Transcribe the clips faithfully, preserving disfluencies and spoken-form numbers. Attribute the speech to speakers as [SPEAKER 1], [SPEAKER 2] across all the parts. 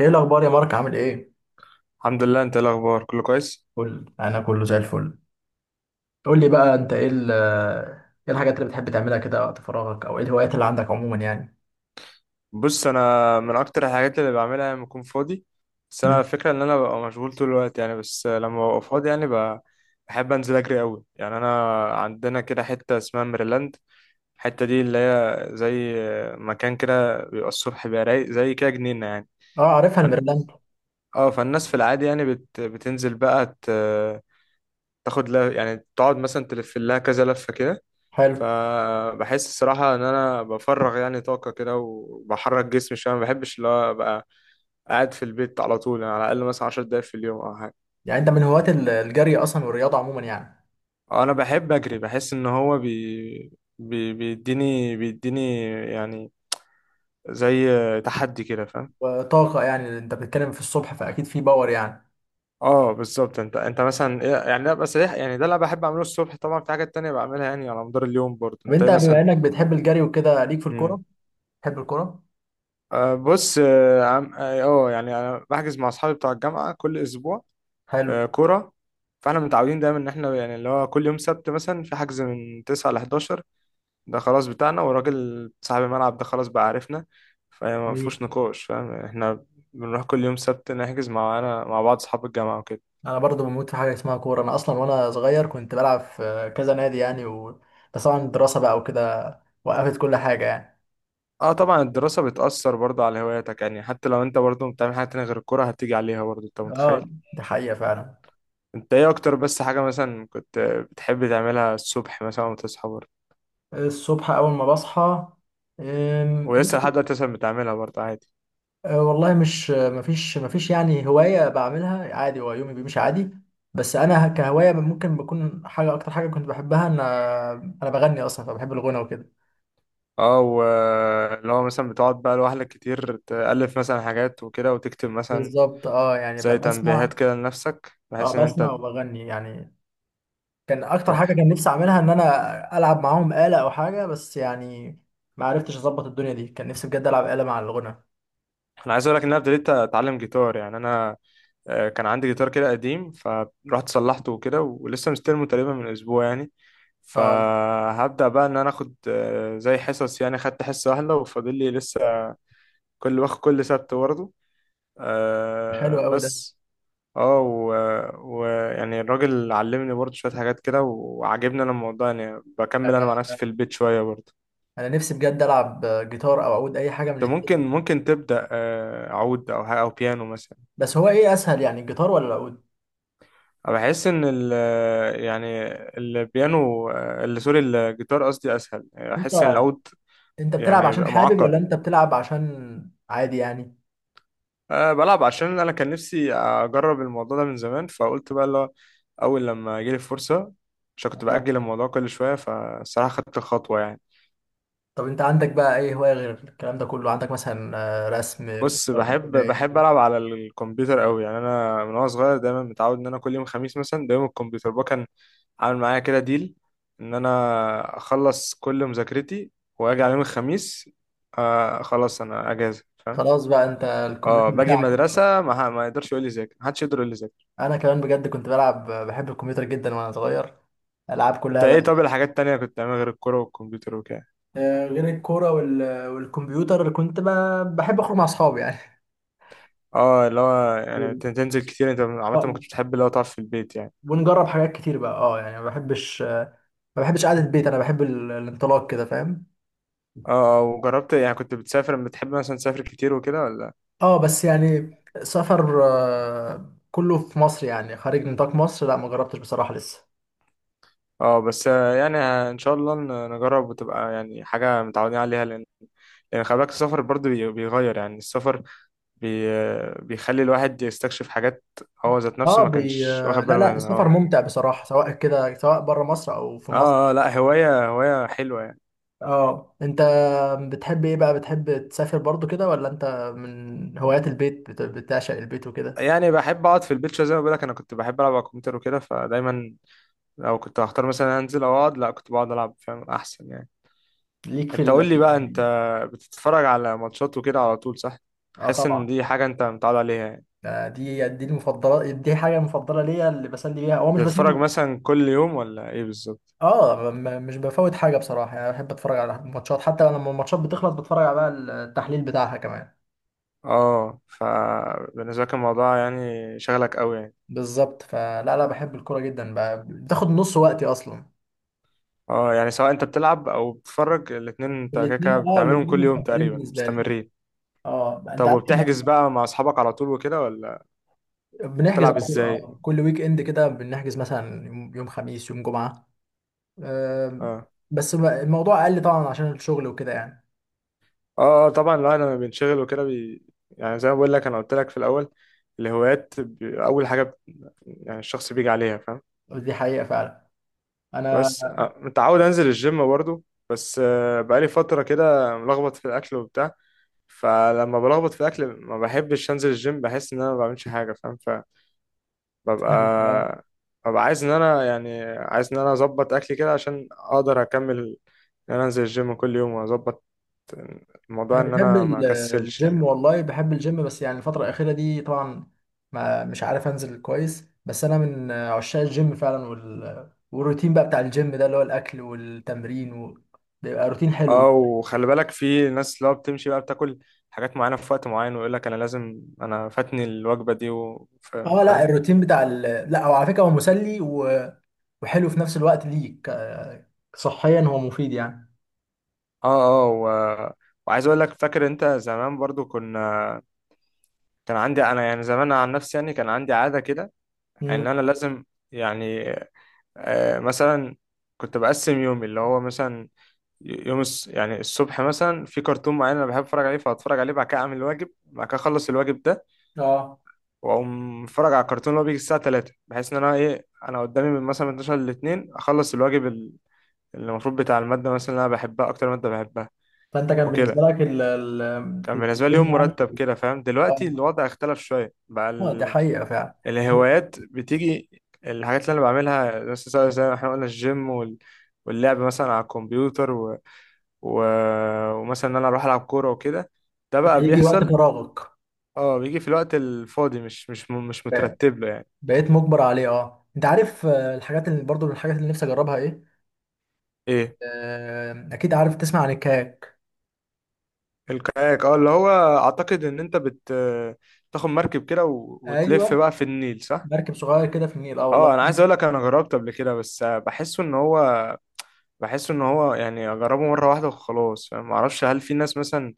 [SPEAKER 1] ايه الاخبار يا مارك؟ عامل ايه؟
[SPEAKER 2] الحمد لله. انت ايه الاخبار، كله كويس؟
[SPEAKER 1] قول، انا كله زي الفل. قول لي بقى انت ايه ال- ايه الحاجات اللي بتحب تعملها كده وقت فراغك، او ايه الهوايات اللي عندك عموما يعني؟
[SPEAKER 2] بص، انا من اكتر الحاجات اللي بعملها لما اكون فاضي... بس
[SPEAKER 1] مم.
[SPEAKER 2] انا الفكره ان انا ببقى مشغول طول الوقت يعني، بس لما ببقى فاضي يعني ب- بحب انزل اجري قوي. يعني انا عندنا كده حته اسمها ميرلاند. الحته دي اللي هي زي مكان كده، بيبقى الصبح بيبقى رايق زي كده جنينه يعني.
[SPEAKER 1] اه، عارفها
[SPEAKER 2] فن-
[SPEAKER 1] الميرلاند.
[SPEAKER 2] اه فالناس في العادي يعني بت... بتنزل بقى ت... تاخد لها، يعني تقعد مثلا تلف لها كذا لفه كده.
[SPEAKER 1] حلو.
[SPEAKER 2] فبحس الصراحة إن أنا بفرغ يعني طاقة كده، وبحرك جسمي شوية. ما بحبش اللي هو أبقى قاعد في البيت على طول يعني، على الأقل مثلا عشر دقايق في اليوم أو حاجة.
[SPEAKER 1] يعني انت من هواة ال- الجري اصلا والرياضه عموما يعني؟
[SPEAKER 2] أنا بحب أجري، بحس إن هو بي... بي... بيديني بيديني يعني، زي تحدي كده، فاهم؟
[SPEAKER 1] وطاقه، يعني انت بتتكلم في الصبح فاكيد في باور يعني.
[SPEAKER 2] اه بالظبط. انت انت مثلا إيه- يعني لا بس ده يعني ده اللي أنا بحب اعمله الصبح. طبعا في حاجات تانية بعملها يعني على مدار اليوم برضه.
[SPEAKER 1] طب
[SPEAKER 2] انت إيه
[SPEAKER 1] انت بما
[SPEAKER 2] مثلا؟
[SPEAKER 1] انك بتحب الجري وكده، ليك في
[SPEAKER 2] مم.
[SPEAKER 1] الكوره؟ بتحب الكوره؟
[SPEAKER 2] آه بص. اه عم- آه، آه، يعني انا بحجز مع اصحابي بتوع الجامعة كل اسبوع.
[SPEAKER 1] حلو.
[SPEAKER 2] آه، كورة. فاحنا متعودين دايما ان احنا يعني اللي هو كل يوم سبت مثلا في حجز من تسعة ل حداشر. ده خلاص بتاعنا، والراجل صاحب الملعب ده خلاص بقى عارفنا، فما
[SPEAKER 1] جميل.
[SPEAKER 2] فيهوش نقاش، فاهم احنا. بنروح كل يوم سبت نحجز، معانا مع بعض اصحاب الجامعة وكده.
[SPEAKER 1] انا برضو بموت في حاجه اسمها كوره، انا اصلا وانا صغير كنت بلعب في كذا نادي يعني و... بس طبعا الدراسه بقى وكده وقفت كل حاجه يعني.
[SPEAKER 2] اه طبعا الدراسة بتأثر برضه على هواياتك يعني، حتى لو انت برضه بتعمل حاجة تانية غير الكورة، هتيجي عليها برضه، انت متخيل.
[SPEAKER 1] اه، دي حقيقة فعلا.
[SPEAKER 2] انت ايه اكتر بس حاجة مثلا كنت بتحب تعملها الصبح مثلا وتصحى برضه،
[SPEAKER 1] الصبح أول ما بصحى. أم،
[SPEAKER 2] ولسه لحد دلوقتي مثلا بتعملها برضه عادي؟
[SPEAKER 1] أه، والله مش مفيش مفيش يعني هواية بعملها، عادي، هو يومي بيمشي عادي. بس أنا كهواية ممكن بكون حاجة، أكتر حاجة كنت بحبها إن أنا بغني أصلا، فبحب الغنى وكده.
[SPEAKER 2] اه، واللي هو مثلا بتقعد بقى لوحدك كتير، تألف مثلا حاجات وكده، وتكتب مثلا
[SPEAKER 1] بالظبط، اه، يعني
[SPEAKER 2] زي
[SPEAKER 1] ب- بسمع.
[SPEAKER 2] تنبيهات كده لنفسك
[SPEAKER 1] اه،
[SPEAKER 2] بحيث ان
[SPEAKER 1] بسمع
[SPEAKER 2] انت...
[SPEAKER 1] وبغني يعني. كان أكتر
[SPEAKER 2] طب
[SPEAKER 1] حاجة كان نفسي أعملها إن أنا ألعب معاهم آلة أو حاجة بس يعني ما عرفتش أظبط الدنيا دي. كان نفسي بجد ألعب آلة مع الغنى.
[SPEAKER 2] انا عايز اقول لك ان انا ابتديت اتعلم جيتار يعني. انا آه، كان عندي جيتار كده قديم، فرحت صلحته وكده، ولسه مستلمه تقريبا من اسبوع يعني.
[SPEAKER 1] اه،
[SPEAKER 2] فهبدأ بقى ان انا اخد آه، زي حصص يعني، خدت حصة واحدة وفاضل لي لسه، كل واخد كل سبت برضه.
[SPEAKER 1] حلو
[SPEAKER 2] آه،
[SPEAKER 1] أوي ده.
[SPEAKER 2] بس اه ويعني و... ويعني الراجل علمني برضه شوية حاجات كده، وعجبني انا الموضوع يعني، بكمل انا مع نفسي في البيت شوية برضه.
[SPEAKER 1] انا نفسي بجد العب جيتار او عود، اي حاجه من
[SPEAKER 2] انت ممكن
[SPEAKER 1] الاثنين.
[SPEAKER 2] ممكن تبدأ آه، عود او حاجة او بيانو مثلا.
[SPEAKER 1] بس هو ايه اسهل يعني، الجيتار ولا العود؟
[SPEAKER 2] أنا بحس ان ال يعني البيانو آه، اللي سوري الجيتار قصدي اسهل. يعني
[SPEAKER 1] انت
[SPEAKER 2] احس ان العود
[SPEAKER 1] انت بتلعب
[SPEAKER 2] يعني
[SPEAKER 1] عشان
[SPEAKER 2] بيبقى
[SPEAKER 1] حابب ولا
[SPEAKER 2] معقد.
[SPEAKER 1] انت بتلعب عشان عادي يعني؟
[SPEAKER 2] أه بلعب عشان انا كان نفسي اجرب الموضوع ده من زمان، فقلت بقى لا، اول لما جيلي فرصة، عشان كنت
[SPEAKER 1] آه.
[SPEAKER 2] بأجل الموضوع كل شوية، فالصراحة خدت الخطوة يعني.
[SPEAKER 1] طب انت عندك بقى ايه هوايه غير الكلام ده كله؟ عندك مثلا آه، رسم؟
[SPEAKER 2] بص،
[SPEAKER 1] قراية.
[SPEAKER 2] بحب بحب العب على الكمبيوتر قوي يعني. انا من وانا صغير دايما متعود ان انا كل يوم خميس مثلا، ده يوم الكمبيوتر بقى، كان عامل معايا كده ديل، ان انا اخلص كل مذاكرتي واجي على يوم الخميس، آه خلاص انا اجازه، فاهم؟
[SPEAKER 1] خلاص بقى، انت
[SPEAKER 2] اه
[SPEAKER 1] الكمبيوتر
[SPEAKER 2] باجي
[SPEAKER 1] بتاعك.
[SPEAKER 2] المدرسه، ما, ح- ما يقدرش يقول لي ذاكر، ما حدش يقدر يقول لي ذاكر.
[SPEAKER 1] انا كمان بجد كنت بلعب، بحب الكمبيوتر جدا وانا صغير، العاب
[SPEAKER 2] انت
[SPEAKER 1] كلها
[SPEAKER 2] ايه
[SPEAKER 1] بقى.
[SPEAKER 2] طب الحاجات التانية كنت بتعملها غير الكوره والكمبيوتر وكده؟
[SPEAKER 1] آه، غير الكوره وال- والكمبيوتر كنت ب- بحب اخرج مع اصحابي يعني.
[SPEAKER 2] اه، اللي هو يعني
[SPEAKER 1] مم.
[SPEAKER 2] تن- تنزل كتير. انت عامه ما
[SPEAKER 1] آه،
[SPEAKER 2] كنتش بتحب اللي هو تقعد في البيت يعني.
[SPEAKER 1] ونجرب حاجات كتير بقى، اه يعني، ما بحبش ما بحبش قعدة البيت، انا بحب ال- الانطلاق كده فاهم.
[SPEAKER 2] اه آه، وجربت يعني، كنت بتسافر؟ بتحب مثلا تسافر كتير وكده ولا؟
[SPEAKER 1] اه بس يعني سفر آه، كله في مصر يعني، خارج نطاق مصر لا ما جربتش بصراحة لسه.
[SPEAKER 2] اه بس آه، يعني آه، ان شاء الله ن- نجرب وتبقى يعني حاجه متعودين عليها، لان لان خلي بالك السفر برضه بي- بيغير يعني. السفر بي آه، بيخلي الواحد يستكشف حاجات هو ذات نفسه
[SPEAKER 1] اه
[SPEAKER 2] ما
[SPEAKER 1] بي...
[SPEAKER 2] كانش
[SPEAKER 1] آه،
[SPEAKER 2] واخد
[SPEAKER 1] لا
[SPEAKER 2] باله
[SPEAKER 1] لا،
[SPEAKER 2] منها.
[SPEAKER 1] السفر
[SPEAKER 2] اه
[SPEAKER 1] ممتع بصراحة، سواء كده سواء بره مصر او في
[SPEAKER 2] اه آه،
[SPEAKER 1] مصر.
[SPEAKER 2] لا، هوايه هوايه حلوه يعني.
[SPEAKER 1] اه، انت بتحب ايه بقى، بتحب تسافر برضو كده ولا انت من هوايات البيت، بت- بتعشق البيت وكده؟
[SPEAKER 2] يعني بحب اقعد في البيت شويه زي ما بقول لك، انا كنت بحب العب على الكمبيوتر وكده، فدايما لو كنت هختار مثلا انزل او اقعد، لا كنت بقعد العب، فاهم؟ احسن يعني.
[SPEAKER 1] ليك في
[SPEAKER 2] انت قول
[SPEAKER 1] ال...
[SPEAKER 2] لي بقى، انت بتتفرج على ماتشات وكده على طول صح؟
[SPEAKER 1] اه
[SPEAKER 2] حاسس ان
[SPEAKER 1] طبعا.
[SPEAKER 2] دي حاجه انت متعود عليها يعني.
[SPEAKER 1] آه، دي دي المفضلة، دي حاجة مفضلة ليا اللي بسلي بيها، هو مش
[SPEAKER 2] بتتفرج
[SPEAKER 1] بسلي.
[SPEAKER 2] مثلا كل يوم ولا ايه بالظبط؟
[SPEAKER 1] اه، م- م- مش بفوت حاجه بصراحه يعني. بحب اتفرج على الماتشات، حتى لما الماتشات بتخلص بتفرج على بقى التحليل بتاعها كمان.
[SPEAKER 2] اه فبالنسبه لك الموضوع يعني شغلك قوي يعني.
[SPEAKER 1] بالظبط، فلا لا بحب الكوره جدا بقى، بتاخد نص وقتي اصلا.
[SPEAKER 2] اه يعني سواء انت بتلعب او بتتفرج، الاتنين انت كده كده
[SPEAKER 1] الاثنين، اه
[SPEAKER 2] بتعملهم
[SPEAKER 1] الاثنين
[SPEAKER 2] كل يوم
[SPEAKER 1] مفضلين
[SPEAKER 2] تقريبا،
[SPEAKER 1] بالنسبه لي.
[SPEAKER 2] مستمرين.
[SPEAKER 1] اه انت
[SPEAKER 2] طب
[SPEAKER 1] عارف احنا
[SPEAKER 2] وبتحجز بقى مع اصحابك على طول وكده ولا؟
[SPEAKER 1] بنحجز
[SPEAKER 2] بتلعب
[SPEAKER 1] على طول،
[SPEAKER 2] ازاي؟
[SPEAKER 1] اه كل ويك اند كده بنحجز مثلا يوم، يوم خميس يوم جمعه. آه.
[SPEAKER 2] اه
[SPEAKER 1] بس بقى الموضوع اقل طبعا عشان الشغل وكده يعني.
[SPEAKER 2] اه آه، طبعا الواحد لما بينشغل وكده بي... يعني زي ما بقول لك، انا قلت لك في الاول، الهوايات ب... اول حاجه بت... يعني الشخص بيجي عليها، فاهم.
[SPEAKER 1] دي حقيقه فعلا.
[SPEAKER 2] بس آه، متعود انزل الجيم برضو. بس آه، بقالي فتره كده ملخبط في الاكل وبتاع. فلما بلخبط في الاكل ما بحبش انزل الجيم، بحس ان انا ما بعملش حاجه، فاهم؟ فببقى
[SPEAKER 1] انا
[SPEAKER 2] ببقى عايز ان انا يعني عايز ان انا اظبط اكلي كده عشان اقدر اكمل ان انا انزل الجيم كل يوم، واظبط الموضوع
[SPEAKER 1] انا
[SPEAKER 2] ان
[SPEAKER 1] بحب
[SPEAKER 2] انا ما
[SPEAKER 1] ال-
[SPEAKER 2] اكسلش
[SPEAKER 1] الجيم،
[SPEAKER 2] يعني.
[SPEAKER 1] والله بحب الجيم، بس يعني الفتره الاخيره دي طبعا ما مش عارف انزل كويس، بس انا من عشاق الجيم فعلا وال... والروتين بقى بتاع الجيم ده اللي هو الاكل والتمرين و... بيبقى روتين حلو.
[SPEAKER 2] اه وخلي بالك في ناس اللي هو بتمشي بقى، بتاكل حاجات معينه في وقت معين، ويقول لك انا لازم، انا فاتني الوجبه دي، و- فا-
[SPEAKER 1] اه لا
[SPEAKER 2] فاهم؟
[SPEAKER 1] الروتين بتاع ال... لا هو على فكره هو مسلي و... وحلو في نفس الوقت ليك. آه، صحيا هو مفيد يعني.
[SPEAKER 2] اه اه و... وعايز اقول لك، فاكر انت زمان برضو كنا... كان عندي انا يعني زمان، عن نفسي يعني كان عندي عاده كده ان
[SPEAKER 1] امم
[SPEAKER 2] انا لازم، يعني آه، مثلا كنت بقسم يومي اللي هو مثلا، يوم الس- يعني الصبح مثلا في كرتون معين انا بحب اتفرج عليه، فاتفرج عليه، بعد كده اعمل الواجب، بعد كده اخلص الواجب ده
[SPEAKER 1] اه،
[SPEAKER 2] واقوم اتفرج على الكرتون اللي هو بيجي الساعه ثلاثة، بحيث ان انا ايه، انا قدامي من مثلا من اثنا عشر ل اتنين اخلص الواجب ال- اللي المفروض بتاع الماده مثلا اللي انا بحبها، اكتر ماده بحبها
[SPEAKER 1] فانت كان بالنسبه
[SPEAKER 2] وكده.
[SPEAKER 1] لك ال... ال...
[SPEAKER 2] كان بالنسبه لي
[SPEAKER 1] الجيم
[SPEAKER 2] يوم
[SPEAKER 1] يعني.
[SPEAKER 2] مرتب كده، فاهم؟ دلوقتي
[SPEAKER 1] اه
[SPEAKER 2] الوضع اختلف شويه بقى.
[SPEAKER 1] آه، ده حقيقه فعلا.
[SPEAKER 2] الهوايات بتيجي، الحاجات اللي انا بعملها بس، زي زي ما احنا قلنا، الجيم وال... واللعب مثلا على الكمبيوتر و... و... ومثلا ان انا اروح العب كوره وكده، ده بقى
[SPEAKER 1] هيجي وقت
[SPEAKER 2] بيحصل.
[SPEAKER 1] فراغك،
[SPEAKER 2] اه بيجي في الوقت الفاضي، مش مش م- مش مترتب له يعني.
[SPEAKER 1] بقيت مجبر عليه. اه، انت عارف آه، الحاجات اللي برضو من الحاجات اللي نفسي اجربها ايه؟
[SPEAKER 2] ايه
[SPEAKER 1] آه، اكيد عارف تسمع عن الكاك.
[SPEAKER 2] الكاياك؟ اه اللي هو اعتقد ان انت بت تاخد مركب كده و... وتلف
[SPEAKER 1] ايوه،
[SPEAKER 2] بقى في النيل، صح؟
[SPEAKER 1] مركب صغير كده في النيل، اه والله
[SPEAKER 2] اه انا عايز
[SPEAKER 1] في-
[SPEAKER 2] اقول لك، انا جربت قبل كده، بس بحسه ان هو بحس ان هو يعني اجربه مره واحده وخلاص، فاهم؟ معرفش هل في ناس مثلا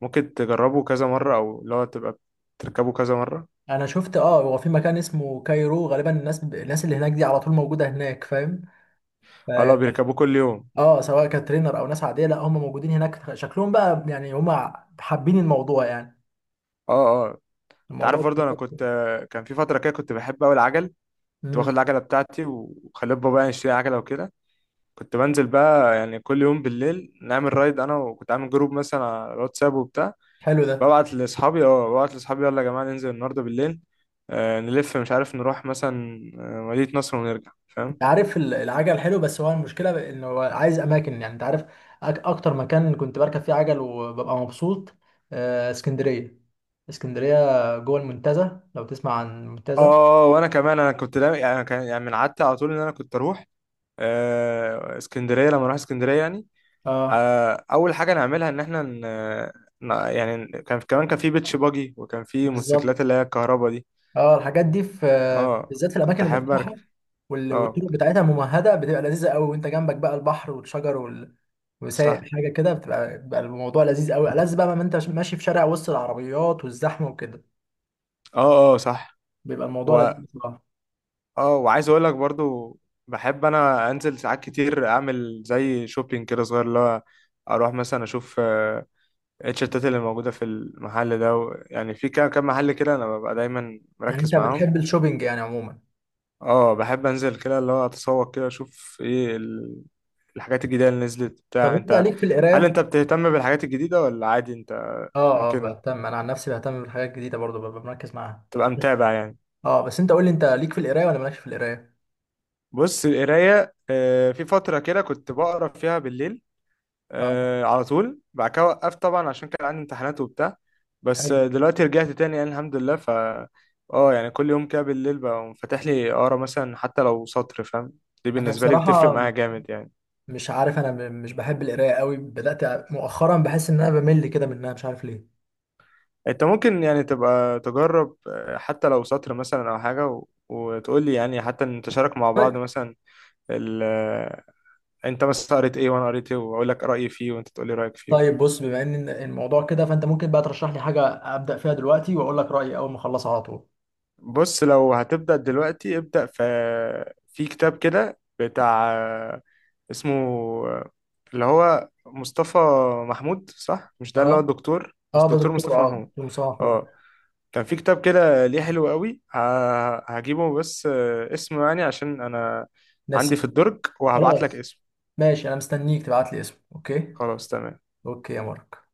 [SPEAKER 2] ممكن تجربه كذا مره، او اللي هو تبقى بتركبه كذا مره.
[SPEAKER 1] انا شفت، اه هو في مكان اسمه كايرو غالبا، الناس الناس اللي هناك دي على طول موجوده هناك فاهم. ف-
[SPEAKER 2] اه لا بيركبوه كل يوم.
[SPEAKER 1] اه، سواء كترينر او ناس عاديه، لا هم موجودين هناك، شكلهم بقى يعني هم حابين الموضوع يعني.
[SPEAKER 2] اه اه انت
[SPEAKER 1] الموضوع
[SPEAKER 2] عارف برضه انا
[SPEAKER 1] بالنسبة-
[SPEAKER 2] كنت... كان في فتره كده كنت بحب قوي العجل. كنت واخد
[SPEAKER 1] مم،
[SPEAKER 2] العجله بتاعتي وخليت بابا يعني يشتري عجله وكده، كنت بنزل بقى يعني كل يوم بالليل نعمل رايد انا، وكنت عامل جروب مثلا على الواتساب وبتاع.
[SPEAKER 1] حلو ده.
[SPEAKER 2] ببعت لاصحابي اه ببعت لاصحابي يلا يا جماعه ننزل النهارده بالليل، آه، نلف مش عارف نروح مثلا آه، مدينة نصر ونرجع، فاهم.
[SPEAKER 1] انت عارف ال- العجل حلو، بس هو المشكله انه هو عايز اماكن يعني. انت عارف أك- اكتر مكان كنت بركب فيه عجل وببقى مبسوط آه، اسكندريه. اسكندريه جوه المنتزه، لو تسمع عن المنتزه.
[SPEAKER 2] اه وانا كمان انا كنت لا يعني، أنا كان يعني من عادتي على طول ان انا كنت اروح آه، اسكندريه، لما اروح اسكندريه يعني،
[SPEAKER 1] اه
[SPEAKER 2] آه، اول حاجه نعملها ان احنا ن... ن- يعني كان كمان كان في بيتش باجي، وكان في موتوسيكلات
[SPEAKER 1] بالظبط.
[SPEAKER 2] اللي هي الكهرباء دي.
[SPEAKER 1] اه، الحاجات دي في في-
[SPEAKER 2] اه
[SPEAKER 1] بالذات في
[SPEAKER 2] كنت
[SPEAKER 1] الاماكن
[SPEAKER 2] احب
[SPEAKER 1] المفتوحه،
[SPEAKER 2] اركب.
[SPEAKER 1] وال-
[SPEAKER 2] اه
[SPEAKER 1] والطرق بتاعتها ممهده، بتبقى لذيذه قوي وانت جنبك بقى البحر والشجر وال... وسايق
[SPEAKER 2] صح.
[SPEAKER 1] حاجه كده، بتبقى بيبقى الموضوع لذيذ قوي، ألذ بقى ما انت ماشي في شارع وسط العربيات والزحمه وكده.
[SPEAKER 2] اه اه صح.
[SPEAKER 1] بيبقى الموضوع
[SPEAKER 2] و
[SPEAKER 1] لذيذ بصراحة.
[SPEAKER 2] اه وعايز اقول لك برضو، بحب انا انزل ساعات كتير اعمل زي شوبينج كده صغير، اللي هو اروح مثلا اشوف آه، التيشيرتات اللي موجودة في المحل ده و... يعني في كام كام محل كده أنا ببقى دايما
[SPEAKER 1] يعني
[SPEAKER 2] مركز
[SPEAKER 1] انت
[SPEAKER 2] معاهم.
[SPEAKER 1] بتحب الشوبينج يعني عموما؟
[SPEAKER 2] اه بحب أنزل كده اللي هو أتسوق كده أشوف إيه ال... الحاجات الجديدة اللي نزلت
[SPEAKER 1] طب
[SPEAKER 2] بتاع.
[SPEAKER 1] انت
[SPEAKER 2] أنت
[SPEAKER 1] ليك في
[SPEAKER 2] هل
[SPEAKER 1] القرايه؟
[SPEAKER 2] أنت بتهتم بالحاجات الجديدة ولا عادي؟ أنت
[SPEAKER 1] اه اه
[SPEAKER 2] ممكن
[SPEAKER 1] بهتم، انا عن نفسي بهتم بالحاجات الجديده برضو، ببقى مركز معاها.
[SPEAKER 2] تبقى
[SPEAKER 1] بس
[SPEAKER 2] متابع يعني.
[SPEAKER 1] اه، بس انت قول لي، انت ليك في القرايه ولا مالكش في القرايه؟
[SPEAKER 2] بص، القراية آه، في فترة كده كنت بقرا فيها بالليل
[SPEAKER 1] اه،
[SPEAKER 2] آه على طول، بعد كده وقفت طبعا عشان كان عندي امتحانات وبتاع. بس آه،
[SPEAKER 1] حلو.
[SPEAKER 2] دلوقتي رجعت تاني يعني، الحمد لله. ف اه يعني كل يوم كده بالليل بقى فاتح لي اقرا، مثلا حتى لو سطر، فاهم؟ دي
[SPEAKER 1] انا
[SPEAKER 2] بالنسبة لي بتفرق
[SPEAKER 1] بصراحه
[SPEAKER 2] معايا جامد يعني.
[SPEAKER 1] مش عارف، انا ب- مش بحب القرايه قوي، بدات مؤخرا بحس ان انا بمل كده منها مش عارف ليه.
[SPEAKER 2] انت ممكن يعني تبقى تجرب آه، حتى لو سطر مثلا او حاجة، و... وتقول لي يعني حتى نتشارك مع
[SPEAKER 1] طيب.
[SPEAKER 2] بعض مثلا، ال... آه، انت مثلا قريت ايه وانا قريت ايه، واقول لك رأيي فيه وانت تقول لي رأيك فيه
[SPEAKER 1] طيب،
[SPEAKER 2] وكده.
[SPEAKER 1] بص بما ان الموضوع كده فانت ممكن بقى ترشح لي حاجه ابدا فيها دلوقتي واقول لك رايي اول ما اخلصها على طول.
[SPEAKER 2] بص، لو هتبدأ دلوقتي، ابدأ في في كتاب كده بتاع، اسمه اللي هو مصطفى محمود صح، مش ده اللي
[SPEAKER 1] اه.
[SPEAKER 2] هو الدكتور،
[SPEAKER 1] اه،
[SPEAKER 2] مش
[SPEAKER 1] ده
[SPEAKER 2] دكتور
[SPEAKER 1] دكتور،
[SPEAKER 2] مصطفى
[SPEAKER 1] اه
[SPEAKER 2] محمود؟
[SPEAKER 1] دكتور مصطفى محمود.
[SPEAKER 2] اه، كان في كتاب كده ليه حلو قوي. ه- هجيبه، بس اسمه يعني، عشان انا عندي في
[SPEAKER 1] نسيب.
[SPEAKER 2] الدرج، وهبعت لك
[SPEAKER 1] خلاص.
[SPEAKER 2] اسمه.
[SPEAKER 1] ماشي، انا مستنيك تبعت لي اسمه. اوكي.
[SPEAKER 2] خلاص تمام.
[SPEAKER 1] اوكي يا مارك.